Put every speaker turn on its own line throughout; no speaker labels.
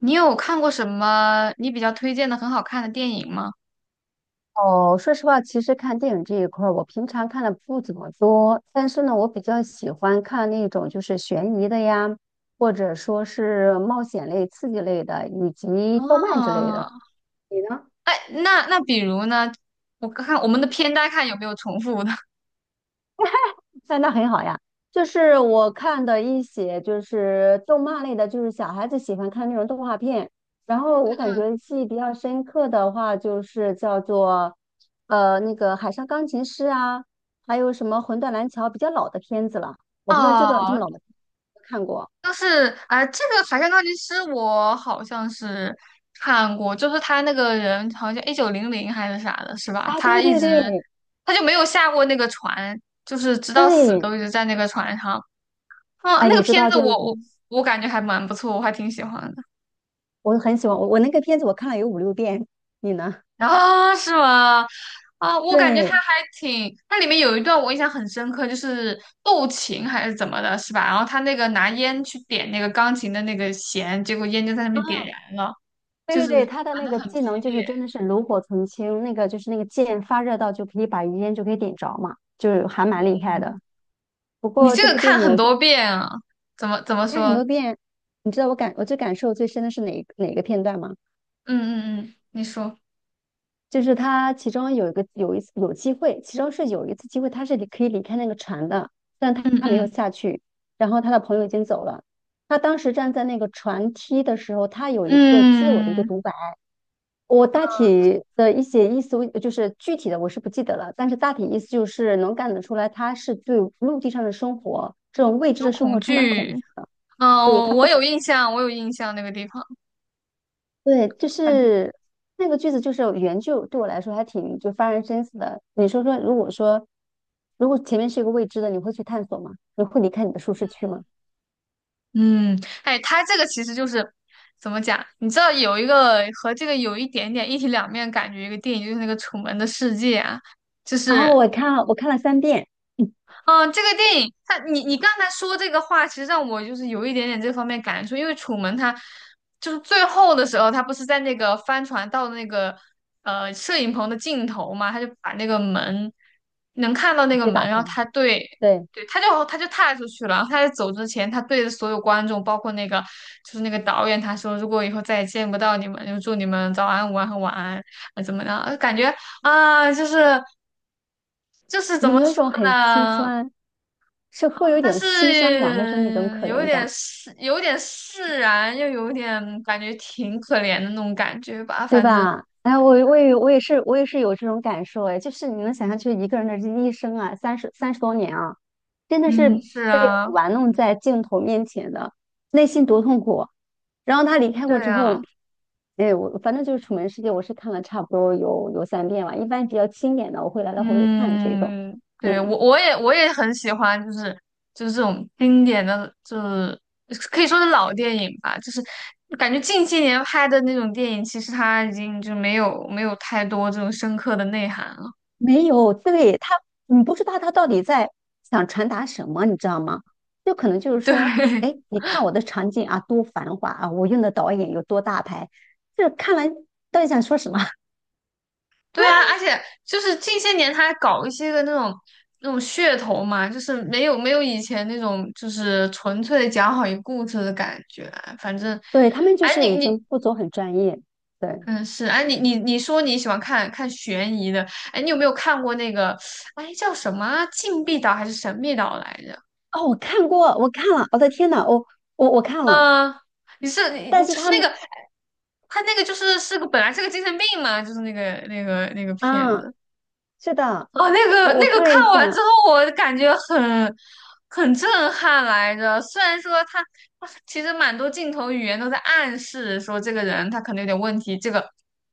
你有看过什么你比较推荐的很好看的电影吗？
哦，说实话，其实看电影这一块儿，我平常看的不怎么多，但是呢，我比较喜欢看那种就是悬疑的呀，或者说是冒险类、刺激类的，以及动漫之类
哦，
的。你呢？
哎，那比如呢？我看我们的片单看有没有重复的。
哎，那很好呀。就是我看的一些就是动漫类的，就是小孩子喜欢看那种动画片。然后我
嗯
感
嗯，
觉记忆比较深刻的话，就是叫做那个《海上钢琴师》啊，还有什么《魂断蓝桥》比较老的片子了。我不知道这个这
哦，
么老的片子有没有看过。
就是这个《海上钢琴师》我好像是看过，就是他那个人好像一九零零还是啥的，是吧？
啊，
他
对
一
对
直
对
他就没有下过那个船，就是直到死
对，
都一直在那个船上。嗯，
哎，
那
你
个
知
片
道
子
就是说，
我感觉还蛮不错，我还挺喜欢的。
我很喜欢我那个片子我看了有5、6遍，你呢？
啊，是吗？啊，我感觉
对。
他还挺，它里面有一段我印象很深刻，就是斗琴还是怎么的，是吧？然后他那个拿烟去点那个钢琴的那个弦，结果烟就在上面点燃了，
对
就
对
是
对，他的
玩
那
的
个
很
技
激
能就是
烈。
真的是炉火纯青，那个就是那个剑发热到就可以把余烟就可以点着嘛，就是还蛮厉害
嗯，
的。不
你
过
这
这
个
部
看
电影
很多遍啊？怎么
我看很
说？
多遍，你知道我最感受最深的是哪一个片段吗？
嗯嗯嗯，你说，
就是他其中有一次有机会，其中是有一次机会他是可以离开那个船的，但他
嗯
他没有
嗯
下去，然后他的朋友已经走了。他当时站在那个船梯的时候，他有一个自我的一个
嗯，
独白。我大体的一些意思，就是具体的我是不记得了，但是大体意思就是能看得出来，他是对陆地上的生活这种未知
有
的生活
恐
充满恐
惧。
惧的，
嗯，
所以
我
他
我
不
有
敢。
印象，我有印象那个地方。
对，就是那个句子，就是原句对我来说还挺就发人深思的。你说说，如果前面是一个未知的，你会去探索吗？你会离开你的舒适区吗？
嗯，哎，它这个其实就是怎么讲？你知道有一个和这个有一点点一体两面感觉一个电影，就是那个《楚门的世界》啊，就
然后
是
我看了三遍，
嗯，这个电影，他，你刚才说这个话，其实让我就是有一点点这方面感触，因为楚门他就是最后的时候，他不是在那个帆船到那个摄影棚的尽头嘛，他就把那个门能看到那
直
个
接
门，
打
然
开。
后他对
对，
对，他就踏出去了，然后他在走之前，他对着所有观众，包括那个就是那个导演，他说如果以后再也见不到你们，就祝你们早安、午安和晚安，啊怎么样？感觉啊，就是就是怎
有没
么
有一
说
种很心
呢？
酸，是会有一
但
种心酸感，还是说那种
是
可怜感？
有点释然，又有点感觉挺可怜的那种感觉吧。
对
反正，
吧？哎，我也是有这种感受，哎，就是你能想象，就是一个人的这一生啊，30多年啊，真的是
嗯，是
被
啊，
玩弄在镜头面前的，内心多痛苦啊。然后他离开过
对
之后，
啊，
哎，我反正就是《楚门世界》，我是看了差不多有三遍吧，一般比较经典的我会来来回回看这种，
嗯，对，我
嗯。
我也我也很喜欢，就是就是这种经典的，就是可以说是老电影吧。就是感觉近些年拍的那种电影，其实它已经就没有太多这种深刻的内涵了。
没有，对，他，你不知道他到底在想传达什么，你知道吗？就可能就是
对，
说，哎，你看我的场景啊，多繁华啊，我用的导演有多大牌，这看完到底想说什么？
对啊，而且就是近些年他还搞一些个那种那种噱头嘛，就是没有以前那种就是纯粹的讲好一个故事的感觉啊。反正，
对，他们就
哎，
是已经不走很专业。对，
嗯是哎你说你喜欢看悬疑的，哎，你有没有看过那个哎叫什么啊禁闭岛还是神秘岛来着？
哦，我看过，我看了，我的天呐，我看了，
嗯、你是你
但
你
是
就是
他
那个哎
们
他那个就是本来是个精神病嘛，就是那个片
啊，
子。
是的，
哦，那个
我
那
我
个
看
看
了一
完之
下，
后，我感觉很很震撼来着。虽然说他他其实蛮多镜头语言都在暗示说这个人他可能有点问题，这个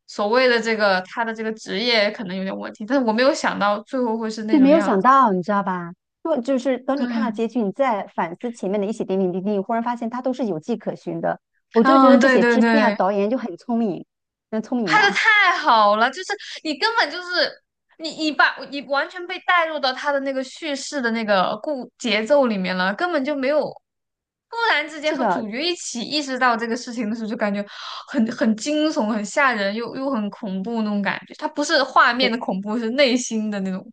所谓的这个他的这个职业可能有点问题，但是我没有想到最后会是那
就没
种
有
样
想
子。
到，你知道吧？就是等
对
你看到
啊，
结局，你再反思前面的一些点点滴滴，你忽然发现它都是有迹可循的。我就觉得
嗯，
这
对
些
对
制片啊、
对。
导演就很聪明，很聪明
拍的
吧？
太好了，就是你根本就是你你把你完全被带入到他的那个叙事的那个故节奏里面了，根本就没有突然之间
是
和主
的，
角一起意识到这个事情的时候，就感觉很很惊悚、很吓人，又很恐怖那种感觉。它不是画面的
对，
恐怖，是内心的那种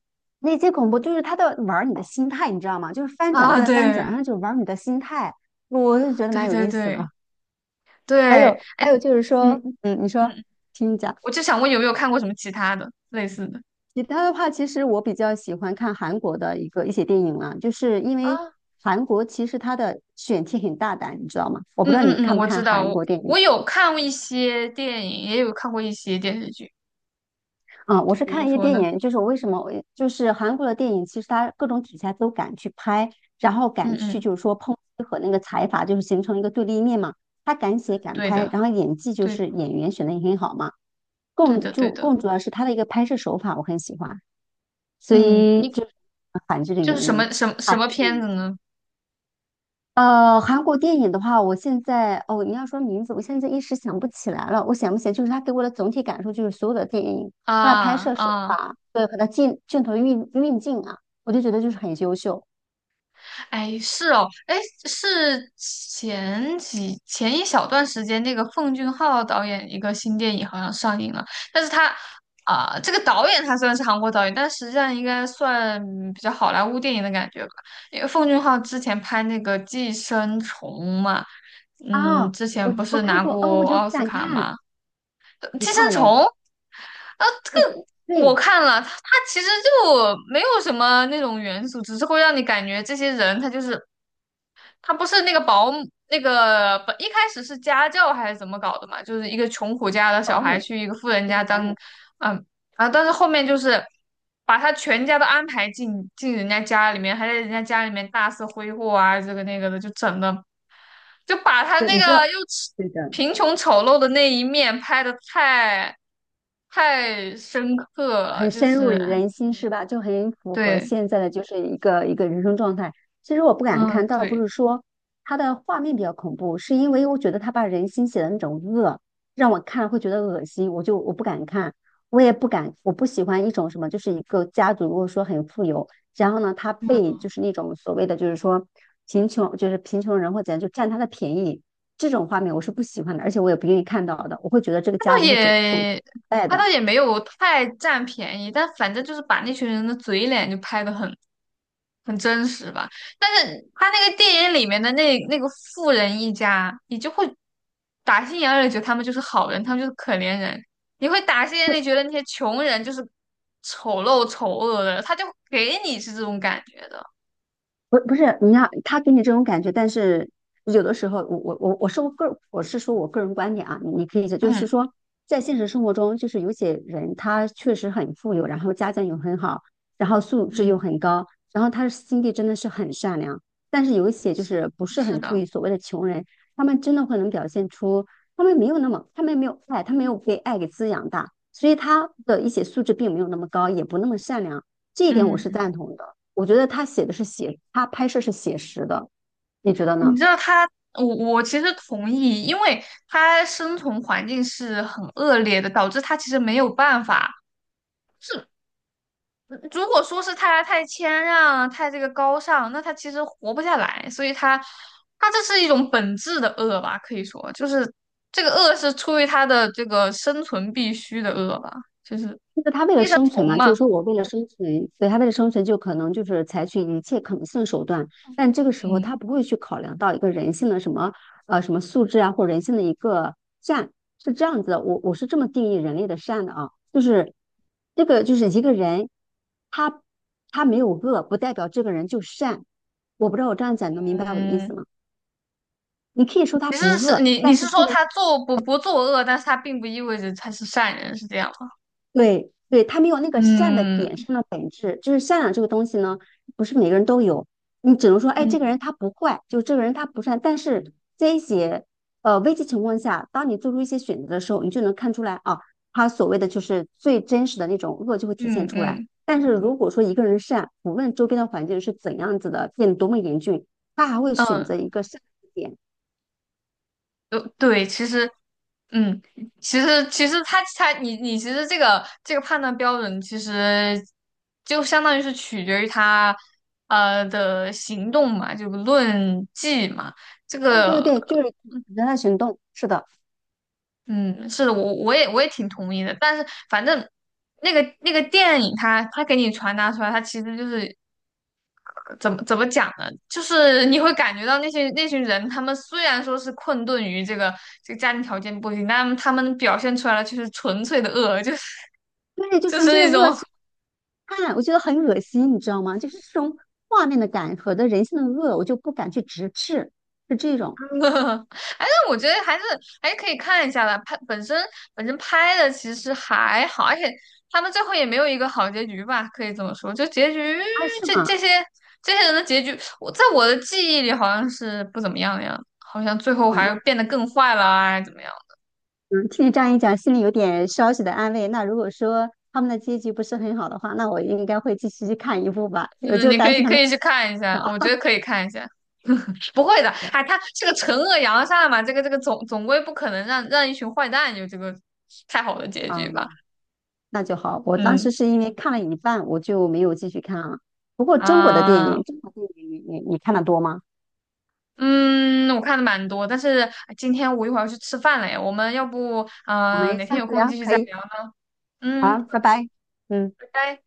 那些恐怖就是他在玩儿你的心态，你知道吗？就是翻转
啊，
再翻转，
对
然后就玩儿你的心态，我就觉得蛮
对
有
对
意思的。
对
还
对，
有
哎，
还有就是
你
说，嗯，你说，
嗯，
听你讲。
我就想问有没有看过什么其他的类似的？
其他的话，其实我比较喜欢看韩国的一个一些电影啊，就是因为
啊？
韩国其实它的选题很大胆，你知道吗？我不
嗯
知道
嗯
你
嗯，
看不
我知
看
道，
韩
我
国电影。
我有看过一些电影，也有看过一些电视剧，
啊，我
就
是
比如
看一些
说
电
呢，
影，就是我为什么我就是韩国的电影，其实它各种题材都敢去拍，然后
嗯
敢去
嗯，
就是说抨击和那个财阀就是形成一个对立面嘛，他敢写敢
对
拍，
的，
然后演技就
对
是演员选的也很好嘛。
对的对的，
更主要是他的一个拍摄手法我很喜欢，所
嗯，
以
你
就是韩剧的
就
原
是什
因，
么什么什
韩
么
国电
片子
影。
呢？
韩国电影的话，我现在哦，你要说名字，我现在一时想不起来了。我想不起来，就是它给我的总体感受，就是所有的电影，它的拍
啊
摄手
啊。
法，对，和它镜头运镜啊，我就觉得就是很优秀
哎，是哦，哎，是前一小段时间，那个奉俊昊导演一个新电影好像上映了，但是他这个导演他虽然是韩国导演，但实际上应该算比较好莱坞电影的感觉吧，因为奉俊昊之前拍那个《寄生虫》嘛，嗯，
啊。
之
我
前不
我
是
看
拿
过哦，我
过
觉得不
奥斯
敢
卡
看，
吗？
你
寄
看
生
了
虫》
没？
啊，这
我
个。我
对，
看了，他它其实就没有什么那种元素，只是会让你感觉这些人他就是他不是那个保姆，那个本一开始是家教还是怎么搞的嘛？就是一个穷苦家
是
的小
保
孩
姆，
去一个富人
是一个
家
保
当，
姆。
嗯啊，但是后面就是把他全家都安排进人家家里面，还在人家家里面大肆挥霍啊，这个那个的，就整的就把他
对，
那
你
个
知道，
又丑
对的，
贫穷丑陋的那一面拍的太深刻了，
很
就
深入
是
人心是吧？就很符合
对，
现在的就是一个人生状态。其实我不敢看，
嗯
倒不
对。
是说它的画面比较恐怖，是因为我觉得他把人心写的那种恶，让我看了会觉得恶心，我不敢看，我也不敢，我不喜欢一种什么，就是一个家族如果说很富有，然后呢，他被就是那种所谓的就是说贫穷，就是贫穷人或怎样就占他的便宜，这种画面我是不喜欢的，而且我也不愿意看到的，我会觉得这个
他倒
家族是走
也
败
他
的。
倒也没有太占便宜，但反正就是把那群人的嘴脸就拍得很很真实吧。但是他那个电影里面的那个富人一家，你就会打心眼儿里觉得他们就是好人，他们就是可怜人。你会打心眼里觉得那些穷人就是丑陋丑恶的，他就给你是这种感觉的。
不，不是你看他给你这种感觉，但是有的时候我是说我个人观点啊，你可以就就是
嗯
说，在现实生活中，就是有些人他确实很富有，然后家境又很好，然后素质又
嗯，
很高，然后他的心地真的是很善良，但是有一些就是不是
是
很富
的，
裕，所谓的穷人，他们真的会能表现出他们没有那么他们没有爱，他没有被爱给滋养大，所以他的一些素质并没有那么高，也不那么善良，这一点我是
嗯。
赞同的。我觉得他写的是写，他拍摄是写实的，你觉得
你
呢？
知道他，我其实同意，因为他生存环境是很恶劣的，导致他其实没有办法。是如果说是他太谦让、太这个高尚，那他其实活不下来。所以他，他这是一种本质的恶吧，可以说就是这个恶是出于他的这个生存必须的恶吧，就是
就是他为了
生
生存
存
嘛，就
嘛。
是说我为了生存，所以他为了生存就可能就是采取一切可能性的手段，但这个时候
嗯
他不会去考量到一个人性的什么什么素质啊，或人性的一个善，是这样子的。我是这么定义人类的善的啊，就是这个就是一个人他他没有恶，不代表这个人就善。我不知道我这样讲能明白我的意
嗯，
思吗？你可以说他
你
不
是
恶，
你
但
是
是
说
这个人。
他做不作恶，但是他并不意味着他是善人，是这样吗？
对对，他没有那个善的点
嗯。
上的本质，就是善良这个东西呢，不是每个人都有。你只能说，哎，这个人
嗯，
他不坏，就这个人他不善。但是这一些危机情况下，当你做出一些选择的时候，你就能看出来啊，他所谓的就是最真实的那种恶就会体现
嗯
出来。
嗯
但是如果说一个人善，无论周边的环境是怎样子的，变得多么严峻，他还会选
嗯，
择一个善的点。
对，其实，嗯，其实他你其实这个判断标准其实就相当于是取决于他的行动嘛，就论迹嘛，这
对对
个
对，就是人的行动，是的，
嗯是的，我也挺同意的，但是反正那个电影它给你传达出来，它其实就是怎么讲呢？就是你会感觉到那些那群人，他们虽然说是困顿于这个家庭条件不行，但他们表现出来的却是纯粹的恶，就是
对，就
就是
纯粹的
那种，
恶。
哎，
看，我觉得很恶心，你知道吗？就是这种画面的感和的人性的恶，我就不敢去直视，是这种
但我觉得还是还是可以看一下的。拍本身本身拍的其实还好，而且他们最后也没有一个好结局吧，可以这么说。就结局，
啊，是
这这
吗？
些这些人的结局，我在我的记忆里好像是不怎么样的样子，好像最后
哦，
还
那
变得更坏了啊，怎么样？
嗯，听你这样一讲，心里有点稍许的安慰。那如果说他们的结局不是很好的话，那我应该会继续去看一部吧。我
嗯，
就
你可
担
以
心他
可
们
以去看一
是
下，
好
我觉得可以看一下。不会的，
的，
哎，他是个惩恶扬善嘛，这个总归不可能让一群坏蛋有这个太好的结局吧？
嗯，那就好。我当
嗯
时是因为看了一半，我就没有继续看了。不过中国的电
啊，
影，中国电影你看的多吗？
嗯，我看的蛮多，但是哎今天我一会儿要去吃饭了呀，我们要不
我们
哪天
下
有
次
空
聊，
继续
可
再
以，
聊？嗯，
好，拜拜，嗯。
拜拜。